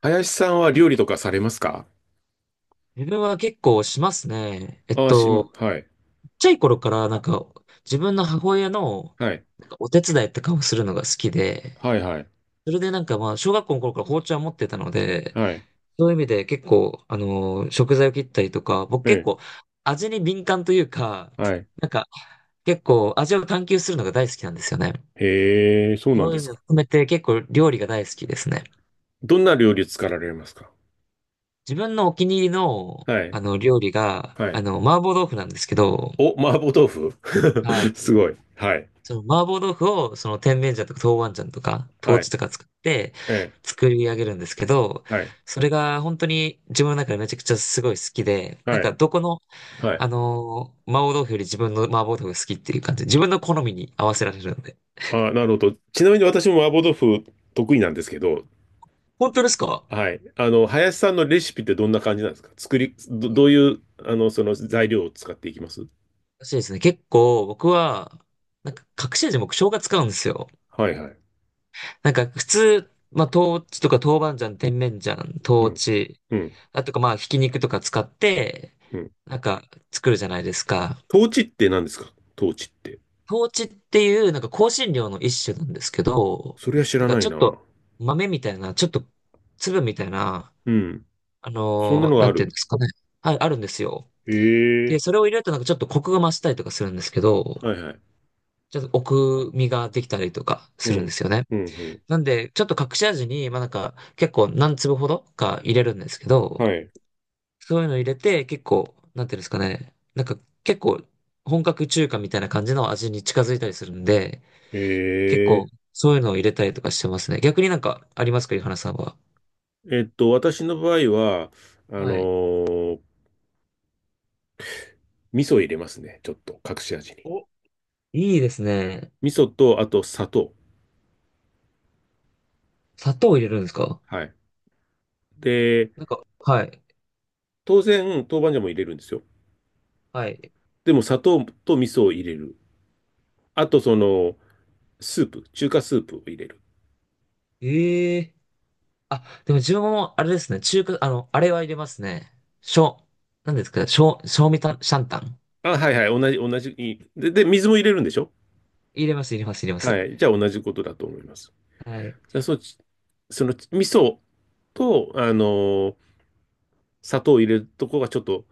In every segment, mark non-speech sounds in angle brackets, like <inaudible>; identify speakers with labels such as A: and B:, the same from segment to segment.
A: 林さんは料理とかされますか？
B: 自分は結構しますね。
A: ああ、はい。
B: ちっちゃい頃からなんか自分の母親の
A: はい。
B: なんかお手伝いとかをするのが好きで、
A: はい、はい。
B: それでなんかまあ小学校の頃から包丁は持ってたので、
A: はい。
B: そういう意味で結構あの食材を切ったりとか、僕
A: え
B: 結
A: え、
B: 構味に敏感というか、
A: はい。
B: なんか結構味を探求するのが大好きなんですよね。
A: へえ、そうなん
B: そう
A: で
B: いう意
A: す
B: 味を
A: か。
B: 含めて結構料理が大好きですね。
A: どんな料理作られますか？
B: 自分のお気に入りの
A: はい。
B: あの料理が
A: は
B: あ
A: い。
B: の麻婆豆腐なんですけど、
A: お、麻婆豆腐。
B: は
A: <laughs>
B: い。
A: すごい。はい。
B: その麻婆豆腐をその甜麺醤とか豆板醤とか豆
A: はい。
B: 豉とか使って
A: え
B: 作り上げるんですけど、
A: え、はい。
B: それが本当に自分の中でめちゃくちゃすごい好きで、なん
A: は
B: か
A: い。
B: どこの、
A: はい。
B: 麻婆豆腐より自分の麻婆豆腐が好きっていう感じで、自分の好みに合わせられるので。
A: あ、なるほど。ちなみに私も麻婆豆腐得意なんですけど、
B: 本当ですか？
A: はい。林さんのレシピってどんな感じなんですか？どういう、その材料を使っていきます
B: らしいですね。結構僕は、なんか隠し味僕生姜使うんですよ。
A: はい、はい。
B: なんか普通、まあ、豆腐とか豆板醤、甜麺醤、
A: う
B: 豆
A: ん、
B: 豉、
A: うん、
B: あとかまあ、ひき肉とか使って、
A: うん。
B: なんか作るじゃないですか。
A: 統治って何ですか？統治って。
B: 豆豉っていうなんか香辛料の一種なんですけど、
A: それは知
B: なん
A: ら
B: か
A: な
B: ち
A: い
B: ょっ
A: な。
B: と豆みたいな、ちょっと粒みたいな、
A: うん。そんなのが
B: な
A: あ
B: んていうん
A: る？
B: ですかね。あ、あるんですよ。
A: え
B: で、
A: え、
B: それを入れるとなんかちょっとコクが増したりとかするんですけど、
A: はいはい。
B: ちょっと奥みができたりとか
A: う
B: するんで
A: ん。
B: すよね。
A: うん
B: なんで、ちょっと隠し味に、まあなんか、結構何粒ほどか入れるんですけ
A: う
B: ど、
A: ん。はい。
B: そういうの入れて、結構、なんていうんですかね、なんか結構、本格中華みたいな感じの味に近づいたりするんで、結構、
A: ええ
B: そういうのを入れたりとかしてますね。逆になんかありますか、井原さんは？
A: 私の場合は、あの
B: はい。
A: ー味噌入れますね。ちょっと、隠し味に。
B: お、いいですね。
A: 味噌と、あと砂糖。
B: 砂糖入れるんですか？
A: はい。で、
B: なんか、はい。
A: 当然、豆板醤も入れるんですよ。
B: はい。
A: でも、砂糖と味噌を入れる。あと、スープ、中華スープを入れる。
B: ええ、あ、でも自分もあれですね。中華、あれは入れますね。しょ、なんですか、しょ、しょうみた、シャンタン。
A: あ、はいはい、同じ、同じ。で、水も入れるんでしょ？
B: 入れます、入れます、入れます。
A: はい。じゃあ同じことだと思います。
B: はい。
A: じゃあそのち、その味噌と、ー砂糖を入れるとこがちょっと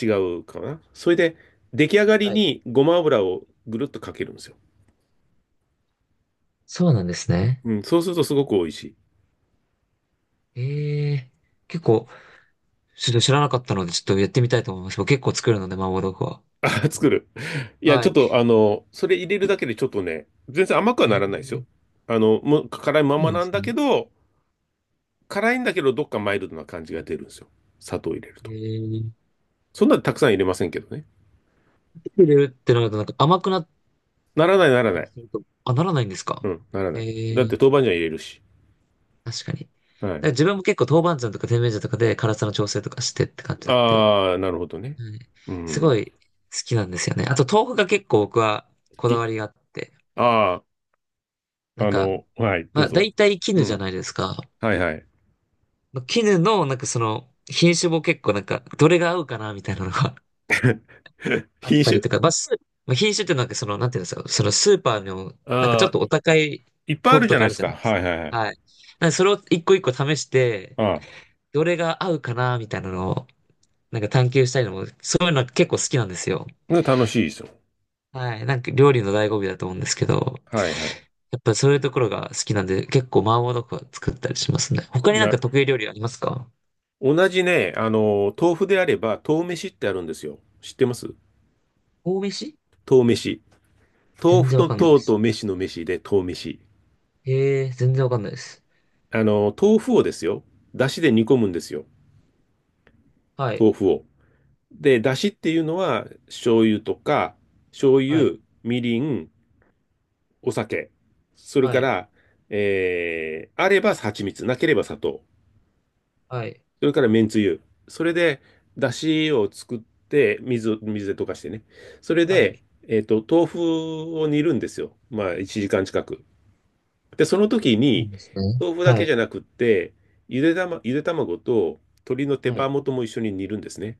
A: 違うかな。それで、出来上がり
B: はい。
A: にごま油をぐるっとかけるんですよ。
B: そうなんですね。
A: うん、そうするとすごく美味しい。
B: ええ、結構、ちょっと知らなかったので、ちょっとやってみたいと思います。僕結構作るので、麻婆豆腐は。
A: あ、<laughs> 作る。いや、
B: は
A: ちょっ
B: い。
A: と、それ入れるだけでちょっとね、全然甘くはな
B: え
A: らないですよ。
B: え、
A: もう辛いま
B: そう
A: ま
B: なんで
A: なん
B: す
A: だ
B: ね。
A: けど、辛いんだけど、どっかマイルドな感じが出るんですよ。砂糖入れると。
B: ええ、
A: そんなにたくさん入れませんけどね。
B: 入れるってなると、なんか甘くなっ
A: ならない、なら
B: た
A: な
B: り
A: い。
B: すると、あ、ならないんですか？
A: うん、ならない。だっ
B: ええ、
A: て豆板醤入れるし。
B: 確かに。だか
A: はい。
B: ら自分も結構豆板醤とか甜麺醤とかで辛さの調整とかしてって感じだって、
A: ああ、なるほどね。
B: はい、
A: う
B: すご
A: ん。
B: い好きなんですよね。あと豆腐が結構僕は
A: 好
B: こだわ
A: き。
B: りがあって、
A: ああ
B: な
A: ー、
B: んか、
A: はい、ど
B: ま
A: う
B: あ、
A: ぞ。
B: 大体
A: う
B: 絹じゃ
A: ん。
B: ないですか。
A: はいはい。
B: ま絹の、なんかその、品種も結構なんか、どれが合うかな、みたいなのが <laughs>
A: <laughs>
B: あっ
A: 品
B: たり
A: 種。
B: とか、まあ、まあ、品種ってなんかその、なんていうんですか、そのスーパーの、なんかちょっ
A: あ
B: と
A: あ
B: お
A: ー、
B: 高い
A: いっぱいあ
B: 豆腐
A: るじ
B: と
A: ゃ
B: か
A: な
B: あ
A: いで
B: る
A: す
B: じゃな
A: か。
B: いです
A: はいはいは
B: か。
A: い。
B: はい。なんでそれを一個一個試して、
A: あ
B: どれが合うかな、みたいなのを、なんか探求したいのも、そういうの結構好きなんですよ。
A: あ、楽しいですよ。
B: はい。なんか料理の醍醐味だと思うんですけど、
A: はいはい。
B: やっぱそういうところが好きなんで、結構麻婆豆腐は作ったりしますね。他になん
A: な、
B: か得意料理ありますか？
A: 同じね、豆腐であれば、豆飯ってあるんですよ。知ってます？
B: 神戸市、
A: 豆飯。豆
B: 全
A: 腐
B: 然
A: と
B: わかんないで
A: 豆
B: す。
A: と飯の飯で豆飯。
B: へえ、全然わかんないです。
A: 豆腐をですよ。だしで煮込むんですよ。
B: はい、
A: 豆腐を。で、出汁っていうのは、醤油とか、醤
B: はい、
A: 油、みりん、お酒。それ
B: は
A: か
B: い、
A: ら、あれば蜂蜜、なければ砂糖。
B: はい、
A: それからめんつゆ。それで、出汁を作って、水で溶かしてね。それ
B: は
A: で、
B: い。
A: 豆腐を煮るんですよ。まあ、1時間近く。で、その時
B: そうな
A: に、
B: んですね。
A: 豆腐だ
B: は
A: けじゃ
B: い、
A: なくって、ゆで卵と鶏の手
B: は
A: 羽
B: い、
A: 元も一緒に煮るんですね。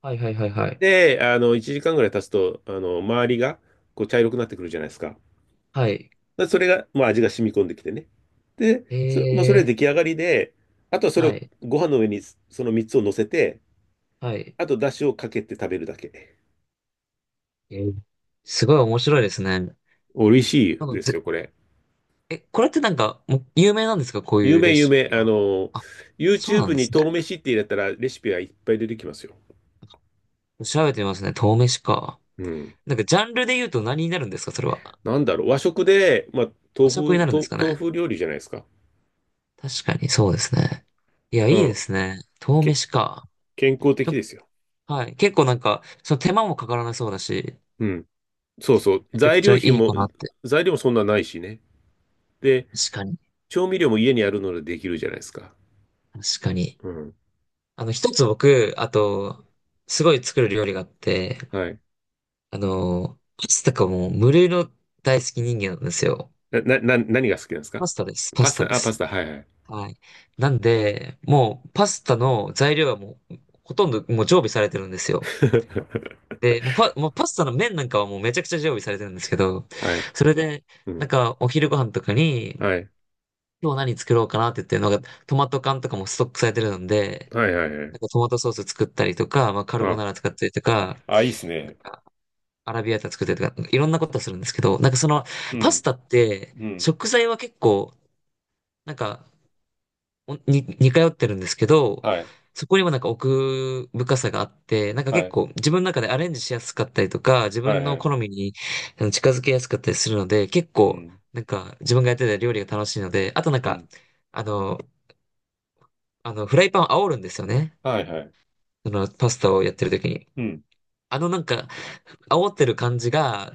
B: はい、はい、はい、はい。
A: で、1時間ぐらい経つと、周りが、こう、茶色くなってくるじゃないですか。
B: はい。
A: でそれが、まあ、味が染み込んできてね。で、
B: へ
A: もうそれは
B: え、
A: 出来上がりで、あとはそれ
B: は
A: を
B: い、
A: ご飯の上にその3つを乗せて、
B: はい。
A: あと出汁をかけて食べるだけ。
B: えーすごい面白いですね。なん
A: 美味し
B: か
A: いですよ、これ。
B: これってなんか、もう有名なんですかこう
A: 有
B: いうレ
A: 名、有
B: シ
A: 名。
B: ピは？あ、そうな
A: YouTube
B: んで
A: に
B: すね。
A: 豆飯って入れたらレシピはいっぱい出てきますよ。
B: 調べてみますね。豆飯か。
A: うん。
B: なんかジャンルで言うと何になるんですかそれは？
A: なんだろう、和食で、まあ、
B: 和食
A: 豆
B: になるんですかね？
A: 豆腐料理じゃないですか。
B: 確かに、そうですね。いや、い
A: う
B: いで
A: ん。
B: すね。豆
A: け、
B: 飯か。
A: 健康的
B: と、
A: ですよ。
B: はい。結構なんか、その手間もかからなそうだし、
A: うん。そうそう、
B: めちゃくちゃいいかなって。
A: 材料もそんなないしね。で、
B: 確かに。
A: 調味料も家にあるのでできるじゃないですか。
B: 確かに。
A: うん。
B: 一つ僕、あと、すごい作る料理があって、
A: はい。
B: パスタかもう無類の大好き人間なんですよ。
A: な、な、な何が好きなんですか？
B: パスタです。パ
A: パ
B: ス
A: ス
B: タで
A: タ、あ、パス
B: す。
A: タ、はいはい。
B: はい。なんで、もうパスタの材料はもう、ほとんどもう常備されてるんですよ。
A: <laughs>
B: で、もうパスタの麺なんかはもうめちゃくちゃ常備されてるんですけど、
A: はい。
B: それで、
A: う
B: なん
A: ん。
B: かお昼ご飯とかに、
A: はい。
B: 今日何作ろうかなって言ってるのが、トマト缶とかもストックされてるので、
A: はいはいは
B: なん
A: い。
B: かトマトソース作ったりとか、まあ、カル
A: あ、
B: ボナーラ作ったりとか、
A: あ、いいっすね。
B: アラビアータ作ったりとか、なんかいろんなことするんですけど、なんかその、
A: う
B: パス
A: ん。
B: タって、
A: うん。
B: 食材は結構、なんか、おに、似通ってるんですけど、
A: はい。
B: そこにもなんか奥深さがあって、なんか
A: は
B: 結
A: い。
B: 構自分の中でアレンジしやすかったりとか、自
A: はい
B: 分
A: は
B: の
A: い。
B: 好みに近づけやすかったりするので、結
A: う
B: 構、
A: ん。
B: なんか自分がやってた料理が楽しいので、あとなん
A: う
B: か、
A: ん。
B: あの、フライパンを煽るんですよね。
A: はいはい。
B: その、パスタをやってる時に。
A: うん。
B: なんか、煽ってる感じが、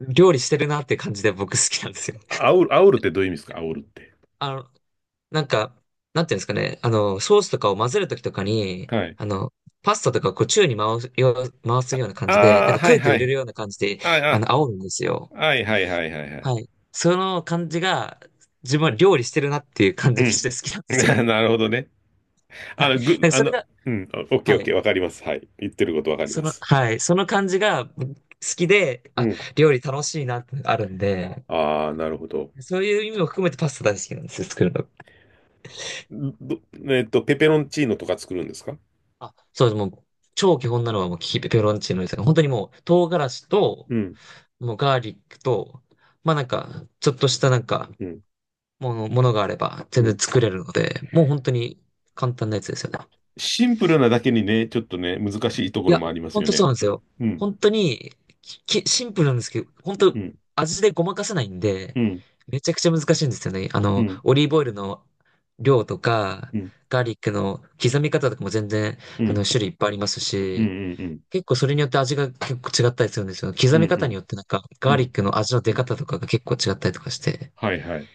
B: 料理してるなって感じで僕好きなんですよ。
A: あおるってどういう意味ですか？あおるって。
B: あの、なんか、なんていうんですかね、ソースとかを混ぜるときとかに、
A: はい。
B: パスタとかをこう宙に回すような感じで、な
A: あ
B: ん
A: あ、
B: か
A: はい
B: 空気を
A: は
B: 入れる
A: い。
B: ような感じで、
A: あ
B: 煽るんですよ。
A: あ、はいはいはいはいはい。
B: はい。その感じが、自分は料理してるなっていう感
A: う
B: じがし
A: ん。
B: て好きなんですよ。
A: <laughs> なるほどね。
B: は
A: あ
B: い。
A: の、ぐ、
B: なんか
A: あ
B: それ
A: の、
B: が、
A: うん、オッケ
B: は
A: ーオッケ
B: い。
A: ー、わかります。はい。言ってることわかり
B: そ
A: ま
B: の、
A: す。
B: はい、その感じが好きで、
A: う
B: あ、
A: ん。
B: 料理楽しいなってあるんで、
A: ああ、なるほど。
B: そういう意味も含めてパスタ大好きなんですよ、作るの。
A: ど、ペペロンチーノとか作るんですか？
B: あ、そうです。もう、超基本なのはもうキペペロンチーノですが、本当にもう、唐辛子と、
A: うん、
B: もうガーリックと、まあなんか、ちょっとしたなんか、
A: うん、
B: ものがあれば
A: う
B: 全然
A: ん。
B: 作れるので、もう本当に簡単なやつですよね。
A: シンプルなだけにね、ちょっとね、難しいとこ
B: い
A: ろ
B: や、
A: もあります
B: ほん
A: よ
B: とそう
A: ね。
B: なんですよ。
A: うん、
B: 本当に、き、シンプルなんですけど、本
A: う
B: 当
A: ん、
B: 味でごまかせないんで、
A: うん、
B: めちゃくちゃ難しいんですよね。
A: うん、
B: オリーブオイルの量とか、
A: うん、
B: ガーリックの刻み方とかも全然、
A: うん、
B: 種類いっぱいあります
A: う
B: し、
A: ん、うん、
B: 結構それによって味が結構違ったりするんですよ。
A: う
B: 刻
A: ん、う
B: み方に
A: ん、
B: よってなんか、
A: う
B: ガ
A: ん、う
B: ーリッ
A: ん。
B: クの味の
A: う
B: 出
A: ん、
B: 方とかが結構違ったりとかして、
A: はいはい。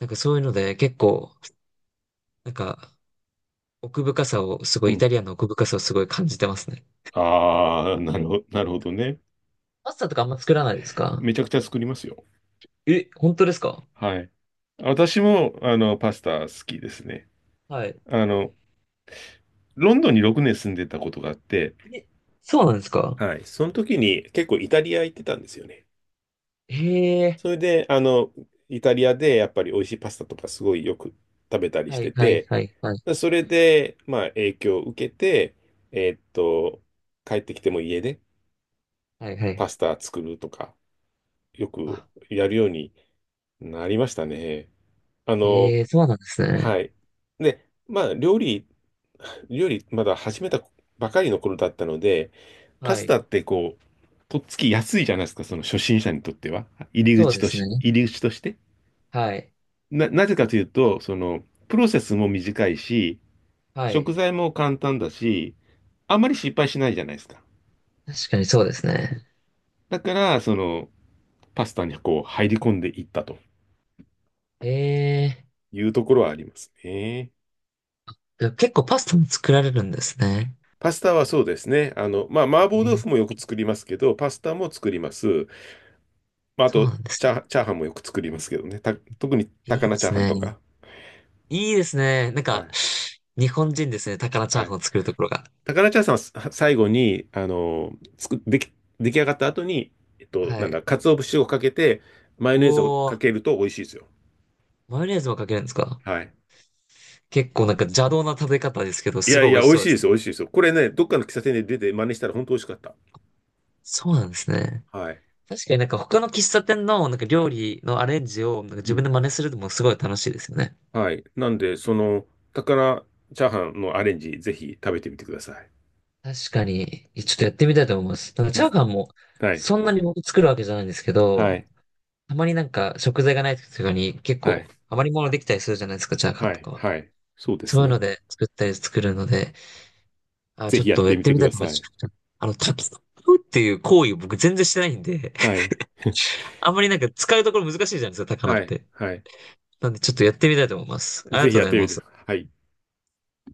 B: なんかそういうので結構、なんか、奥深さを、すご
A: う
B: い、イ
A: ん。
B: タリアンの奥深さをすごい感じてますね。
A: ああ、なるほど、なるほどね。
B: パスタとかあんま作らないですか？
A: めちゃくちゃ作りますよ。
B: え、本当ですか？
A: はい。私も、パスタ好きですね。
B: はい。
A: あの、ロンドンに6年住んでたことがあって、
B: え、そうなんですか？
A: はい。その時に結構イタリア行ってたんですよね。
B: へ
A: そ
B: え、
A: れで、イタリアでやっぱり美味しいパスタとかすごいよく食べたり
B: は
A: し
B: い、
A: て
B: はい、
A: て、
B: はい、はい、
A: それで、まあ影響を受けて、えーっと、帰ってきても家で
B: はい、はい。
A: パスタ作るとか、よく
B: あ、
A: やるようになりましたね。あの、
B: へえ、そうなんです
A: は
B: ね。
A: い。で、まあ、料理、まだ始めたばかりの頃だったので、パ
B: は
A: ス
B: い。
A: タってこう、とっつきやすいじゃないですか、その初心者にとっては。
B: そうですね。
A: 入り口として。
B: はい、
A: なぜかというと、その、プロセスも短いし、
B: は
A: 食
B: い。
A: 材も簡単だし、あまり失敗しないじゃないですか。
B: 確かにそうですね。
A: だから、その、パスタにこう、入り込んでいったと
B: へえ、
A: いうところはありますね。
B: 結構パスタも作られるんですね。
A: パスタはそうですね。まあ、
B: へ
A: 麻婆
B: ー、
A: 豆腐もよく作りますけど、パスタも作ります。まあ、あ
B: そう
A: と、
B: なんですね。
A: チャーハンもよく作りますけどね。特に
B: い
A: 高
B: いで
A: 菜チャー
B: す
A: ハン
B: ね。
A: とか。
B: いいですね。なん
A: は
B: か、
A: い。
B: 日本人ですね。高菜チャ
A: は
B: ーハ
A: い。
B: ンを作るところが。
A: 高菜チャーハンはさ最後に、作でき、出来上がった後に、
B: は
A: なんだ、
B: い。
A: 鰹節をかけて、マ
B: う
A: ヨネーズを
B: おー、
A: かけると美味しいですよ。
B: マヨネーズもかけるんですか？
A: はい。
B: 結構なんか邪道な食べ方ですけど、
A: い
B: す
A: や
B: ご
A: い
B: い美
A: や、
B: 味し
A: 美味
B: そう
A: しい
B: で
A: で
B: す。
A: すよ、美味しいですよ。これね、どっかの喫茶店で出て真似したら本当美味しかった。
B: そうなんですね。
A: はい。
B: 確かになんか他の喫茶店のなんか料理のアレンジをなんか
A: う
B: 自分で
A: ん。
B: 真似するのもすごい楽しいですよね。
A: はい。なんで、その、高菜チャーハンのアレンジ、ぜひ食べてみてください。
B: 確かに、ちょっとやってみたいと思います。なんかチャー
A: ず
B: ハンも
A: はい。
B: そんなに僕作るわけじゃないんですけ
A: は
B: ど、
A: い。
B: たまになんか食材がない時とかに結
A: はい。
B: 構余り物できたりするじゃないですか、チャーハン
A: は
B: と
A: い。
B: かは。
A: はい。そうで
B: そ
A: す
B: ういうの
A: ね。
B: で作ったり作るので、あ、
A: ぜ
B: ちょ
A: ひ
B: っ
A: やっ
B: とやっ
A: てみ
B: て
A: て
B: み
A: く
B: たい
A: だ
B: と思いま
A: さ
B: す。
A: い。
B: 炊き込むっていう行為を僕全然してないんで、
A: はい。
B: <laughs> あんまりなんか使うところ難しいじゃないですか、高菜っ
A: はい。
B: て。
A: はい。
B: なんでちょっとやってみたいと思います。ありが
A: ぜひ
B: とう
A: や
B: ご
A: っ
B: ざい
A: てみ
B: ま
A: て。
B: す。
A: はい。